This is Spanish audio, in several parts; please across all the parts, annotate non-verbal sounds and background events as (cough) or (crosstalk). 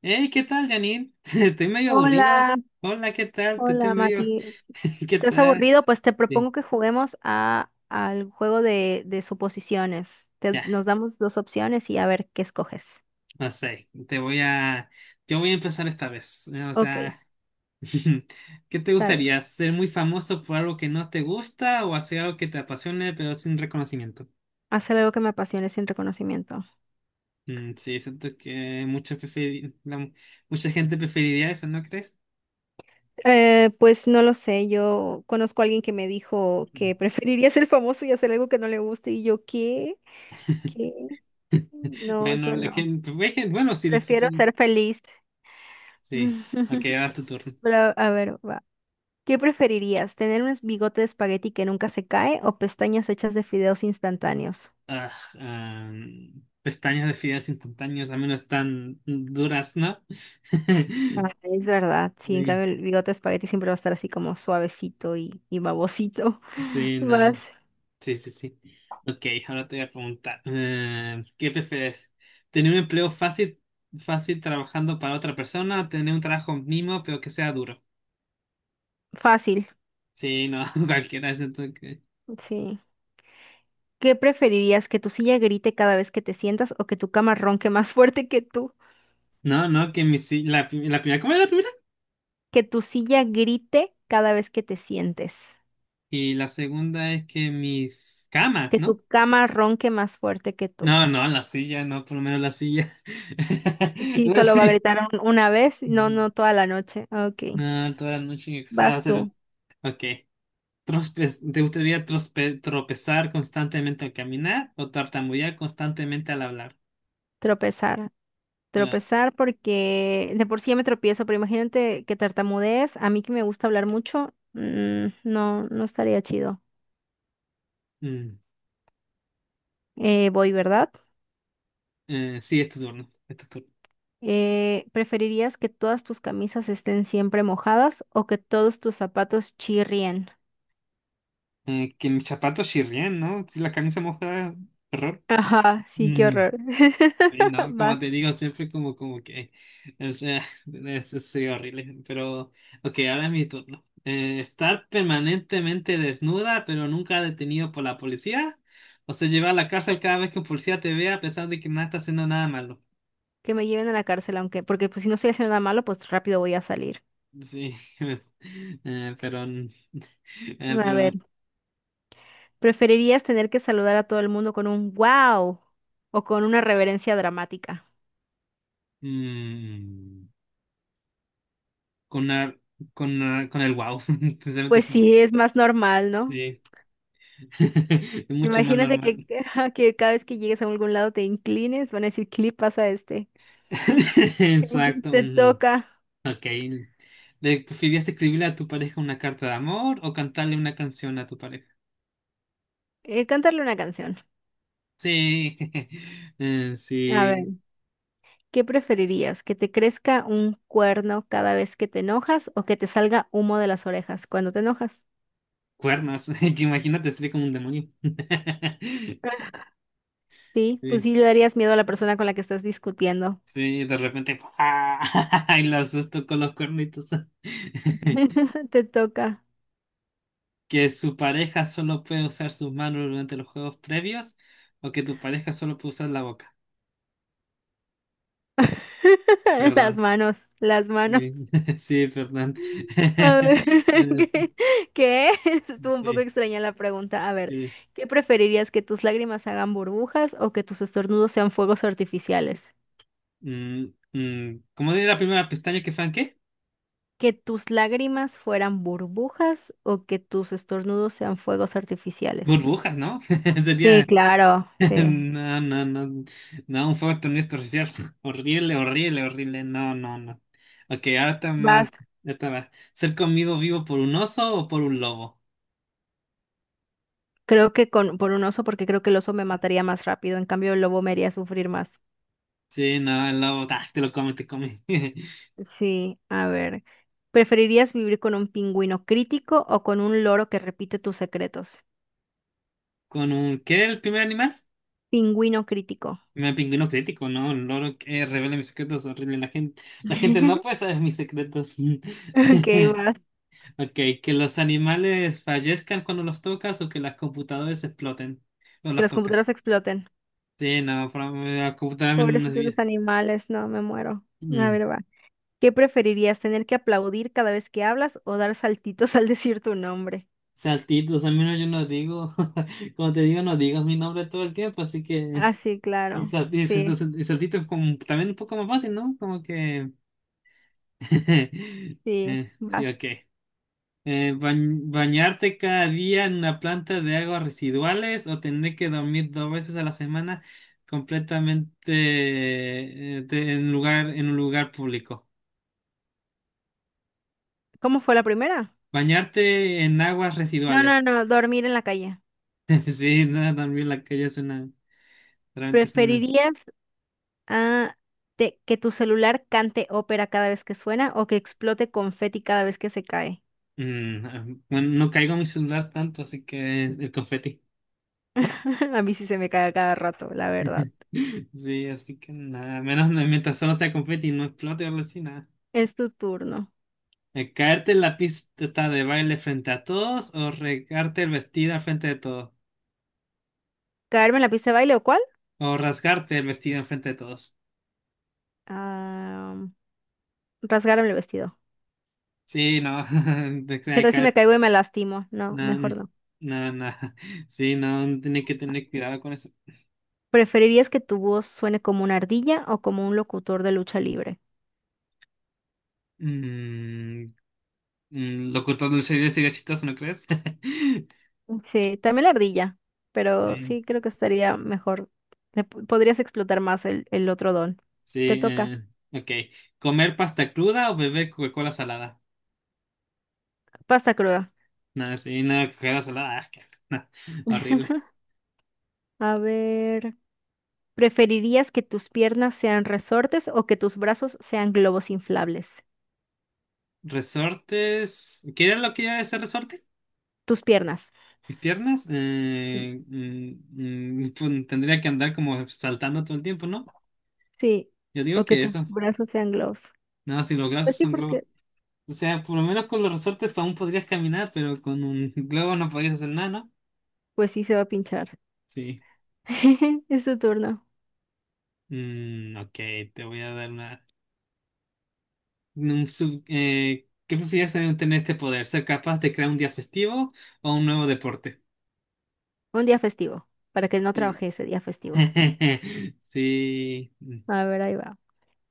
Hey, ¿qué tal, Janine? (laughs) Estoy medio aburrido. Hola, Hola, ¿qué tal? Te estoy hola medio. Mati. (laughs) ¿Qué ¿Estás tal? aburrido? Pues te Sí, propongo que juguemos a, al juego de suposiciones. Ya, Nos damos dos opciones y a ver qué escoges. no sé. Te voy a. Yo voy a empezar esta vez. O Ok, sea, (laughs) ¿qué te está bien. gustaría? ¿Ser muy famoso por algo que no te gusta o hacer algo que te apasione pero sin reconocimiento? Hacer algo que me apasione sin reconocimiento. Mm, sí, siento que mucha, mucha gente preferiría eso, ¿no crees? Pues no lo sé, yo conozco a alguien que me dijo que (laughs) preferiría ser famoso y hacer algo que no le guste y yo, ¿qué? (laughs) ¿Qué? No, Bueno, yo la no. gente... bueno, sí, Prefiero supongo. ser feliz. Sí. Ok, (laughs) ahora es tu turno. Pero, a ver, va. ¿Qué preferirías? ¿Tener un bigote de espagueti que nunca se cae o pestañas hechas de fideos instantáneos? Ah, ah, pestañas de fideos instantáneos, al menos tan duras, ¿no? Ah, (laughs) es verdad, sí, en cambio Sí, el bigote de espagueti siempre va a estar así como suavecito y babosito. sí, (laughs) Más no. Sí, sí, sí. Ok, ahora te voy a preguntar, ¿qué prefieres? ¿Tener un empleo fácil, fácil trabajando para otra persona o tener un trabajo mínimo pero que sea duro? fácil, Sí, no, (laughs) cualquiera es que... sí. ¿Qué preferirías? ¿Que tu silla grite cada vez que te sientas o que tu cama ronque más fuerte que tú? No, no, que mis... La, la primera, ¿cómo era la primera? Que tu silla grite cada vez que te sientes. Y la segunda es que mis camas, Que ¿no? tu cama ronque más fuerte que tú. No, no, la silla, no, por lo menos la silla. (laughs) Sí, La solo va a silla. gritar una vez, no, Mm, no toda la noche. Ok, no, toda la noche. O sea, vas hacer- tú, Ok. ¿Te gustaría tropezar constantemente al caminar o tartamudear constantemente al hablar? tropezar. Ah, Tropezar porque de por sí ya me tropiezo, pero imagínate que tartamudees a mí que me gusta hablar mucho, no, no estaría chido. mm, Voy, ¿verdad? Sí, es tu turno. Es tu turno. ¿Preferirías que todas tus camisas estén siempre mojadas o que todos tus zapatos chirrien? Que mis zapatos chirrían, ¿no? Si la camisa mojada, error. Ajá, sí, qué horror. Sí, (laughs) no, como Vas, te digo, siempre como, como que, o sea, (laughs) eso sería horrible, pero, ok, ahora es mi turno. Estar permanentemente desnuda, pero nunca detenido por la policía, o sea, llevar a la cárcel cada vez que un policía te vea a pesar de que no estás haciendo nada malo. que me lleven a la cárcel, aunque, porque pues si no estoy haciendo nada malo, pues rápido voy a salir. Sí, (laughs) eh, pero, mm, A ver, pero, ¿preferirías tener que saludar a todo el mundo con un wow o con una reverencia dramática? mm, con, la- con el wow, (laughs) sinceramente Pues sí, sí, es más normal, ¿no? sí. (laughs) Es mucho más Imagínate que, normal. (laughs) que cada vez que llegues a algún lado te inclines, van a decir, clip pasa este. (laughs) (laughs) Exacto. Te Ujú. toca Ok. ¿Le preferirías escribirle a tu pareja una carta de amor o cantarle una canción a tu pareja? Cantarle una canción. Sí, (laughs) A ver, sí, ¿qué preferirías? ¿Que te crezca un cuerno cada vez que te enojas o que te salga humo de las orejas cuando te enojas? cuernos, (laughs) que imagínate, sería como un demonio. (laughs) Sí, pues Sí, sí le darías miedo a la persona con la que estás discutiendo. sí, de repente, ¡pua! (laughs) y lo asusto con los cuernitos. (laughs) (laughs) Te toca. Que su pareja solo puede usar sus manos durante los juegos previos o que tu pareja solo puede usar la boca. (laughs) Las Perdón, manos, las manos. sí, (laughs) sí, perdón. A ver, (laughs) ¿qué? (laughs) ¿Qué? (laughs) Estuvo un poco Sí, extraña la pregunta. A ver, sí. ¿qué preferirías que tus lágrimas hagan burbujas o que tus estornudos sean fuegos artificiales? Mm, mm, ¿cómo sería la primera pestaña que fan qué? ¿Que tus lágrimas fueran burbujas o que tus estornudos sean fuegos artificiales? Burbujas, ¿no? (laughs) Sí, Sería. claro, (laughs) sí. No, no, no. No, un fuerte honesto social. (laughs) Horrible, horrible, horrible. No, no, no. Ok, ahora está Vas, más. Ya está más. ¿Ser comido vivo por un oso o por un lobo? creo que con, por un oso, porque creo que el oso me mataría más rápido. En cambio, el lobo me haría sufrir más. Sí, no, el lobo, ta, te lo come, te come. (laughs) Sí, a ver. ¿Preferirías vivir con un pingüino crítico o con un loro que repite tus secretos? ¿Con un. ¿Qué era el primer animal? Pingüino crítico. Me pingüino crítico, ¿no? Un loro que revela mis secretos, horrible. La gente no puede (laughs) saber mis secretos. Ok, (laughs) va. Ok, que los animales fallezcan cuando los tocas o que las computadoras exploten cuando Que las las computadoras tocas. exploten. Sí, no, la computadora menos nos Pobrecitos los vida. animales, no, me muero. A Mm. ver, va. ¿Qué preferirías, tener que aplaudir cada vez que hablas o dar saltitos (laughs) al decir tu nombre? Saltitos, al menos yo no digo, (laughs) como te digo, no digas mi nombre todo el tiempo, así que... Ah, sí, Y, claro. Sí, y saltito es como también un poco más fácil, ¿no? Como que... (laughs) sí, sí, vas. ok. ¿Bañarte cada día en una planta de aguas residuales o tener que dormir dos veces a la semana completamente en lugar, en un lugar público? ¿Cómo fue la primera? Bañarte en aguas No, no, residuales. no, dormir en la calle. (laughs) Sí, nada, dormir en la calle suena, realmente suena. ¿Preferirías ah, que tu celular cante ópera cada vez que suena o que explote confeti cada vez que se cae? Mm, bueno, no caigo en mi celular tanto, así que el confeti. (laughs) A mí sí se me cae a cada rato, la verdad. (laughs) Sí, así que nada, menos mientras solo sea confeti y no explote o algo así, nada. Es tu turno. ¿De caerte en la pista de baile frente a todos o regarte el vestido al frente de todos? ¿Caerme en la pista de baile o cuál? O rasgarte el vestido en frente de todos. Ah, rasgarme el vestido. Sí, no. (laughs) De que ¿Qué hay tal si me caer- caigo y me lastimo? No, No, no, mejor no. no. No. (laughs) Sí, no. Tiene que tener cuidado con eso. ¿Preferirías que tu voz suene como una ardilla o como un locutor de lucha libre? Mm, mm, lo cortado del cerebro sería chistoso, ¿no crees? (laughs) Sí, también la ardilla, pero Sí, sí creo que estaría mejor. Podrías explotar más el otro don. Te sí. toca. eh, ok. ¿Comer pasta cruda o beber Coca-Cola salada? Pasta cruda. No, sí, no, Coca-Cola salada. Ah, qué- asco, no, horrible. (laughs) A ver, ¿preferirías que tus piernas sean resortes o que tus brazos sean globos inflables? Resortes. ¿Qué era lo que iba a decir resorte? Tus piernas. Mis piernas, Sí. Mm, mm, pues, tendría que andar como saltando todo el tiempo, ¿no? Sí, Yo digo o que que tus eso. brazos sean globos. No, si los Pues brazos sí, son globos. porque O sea, por lo menos con los resortes aún podrías caminar, pero con un (laughs) globo no podrías hacer nada, ¿no? pues sí se va a pinchar. Sí. (laughs) Es tu turno. Mm, ok, te voy a dar una... ¿qué prefieres tener este poder? ¿Ser capaz de crear un día festivo o un nuevo deporte? Un día festivo, para que no Sí. trabaje ese día festivo. (laughs) Sí. A ver, ahí va.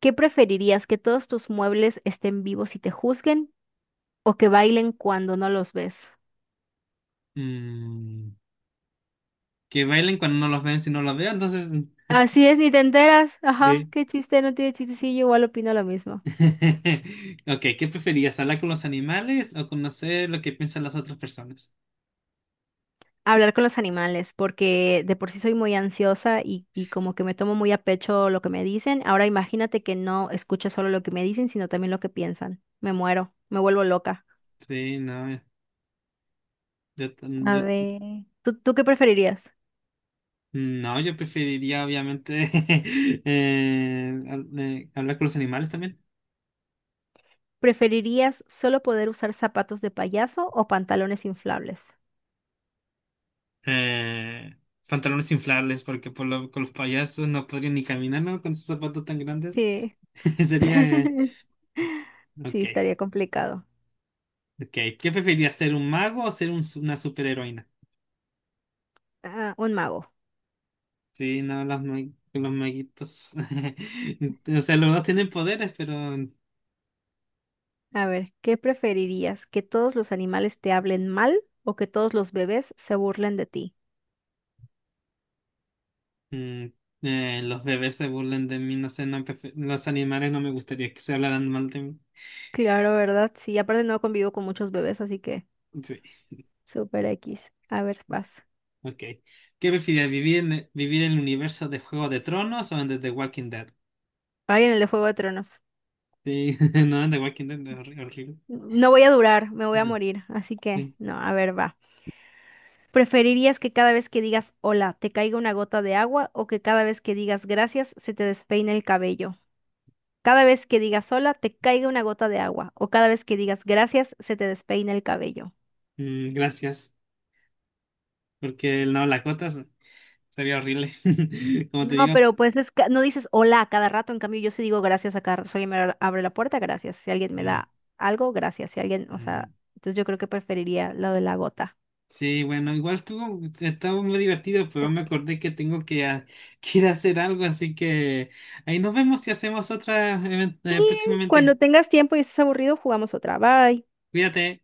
¿Qué preferirías, que todos tus muebles estén vivos y te juzguen o que bailen cuando no los ves? Mm, que bailen cuando no los ven, si no los veo, entonces... Así es, ni te enteras. Ajá, Sí. qué chiste, no tiene chiste. Sí, yo igual opino lo mismo. (laughs) Ok, ¿qué preferías? ¿Hablar con los animales o conocer lo que piensan las otras personas? Hablar con los animales, porque de por sí soy muy ansiosa y como que me tomo muy a pecho lo que me dicen. Ahora imagínate que no escucho solo lo que me dicen, sino también lo que piensan. Me muero, me vuelvo loca. Sí, no, yo, t- A yo- ver, ¿tú qué preferirías? no, yo preferiría obviamente (laughs) hablar con los animales también. ¿Preferirías solo poder usar zapatos de payaso o pantalones inflables? Eh, pantalones inflables, porque por lo- con los payasos no podrían ni caminar, ¿no? Con sus zapatos tan grandes. Sí. (laughs) Sería... (laughs) Sí, ok, estaría complicado. ok. ¿Qué preferirías, ser un mago o ser un, una superheroína? Ah, un mago. Sí, no, los, los maguitos. (laughs) O sea, los dos tienen poderes, pero A ver, ¿qué preferirías? ¿Que todos los animales te hablen mal o que todos los bebés se burlen de ti? mm, los bebés se burlan de mí. No sé, los animales no me gustaría que se hablaran mal de mí. Claro, ¿verdad? Sí, aparte no convivo con muchos bebés, así que Sí, super X. A ver, vas. ok. ¿Qué prefieres, vivir en, vivir en el universo de Juego de Tronos o en The Walking Dead? Ay, en el de Juego de Tronos. Sí, (laughs) no, en The Walking Dead es horri- horrible. No voy a durar, me voy a morir, así que Sí, no, a ver, va. ¿Preferirías que cada vez que digas hola te caiga una gota de agua o que cada vez que digas gracias se te despeine el cabello? Cada vez que digas hola te caiga una gota de agua o cada vez que digas gracias se te despeine el cabello. mm, gracias, porque el no, la cota sería horrible. (laughs) Como te No, digo, pero pues es no dices hola a cada rato, en cambio yo sí digo gracias a cada rato. Si alguien me abre la puerta, gracias. Si alguien me mm, da algo, gracias. Si alguien, o mm, sea, entonces yo creo que preferiría lo de la gota. sí, bueno, igual estuvo, estaba muy divertido, pero me acordé que tengo que, a- (laughs) que ir a hacer algo, así que ahí nos vemos y hacemos otra Sí, próximamente. cuando tengas tiempo y estés aburrido, jugamos otra. Bye. Cuídate.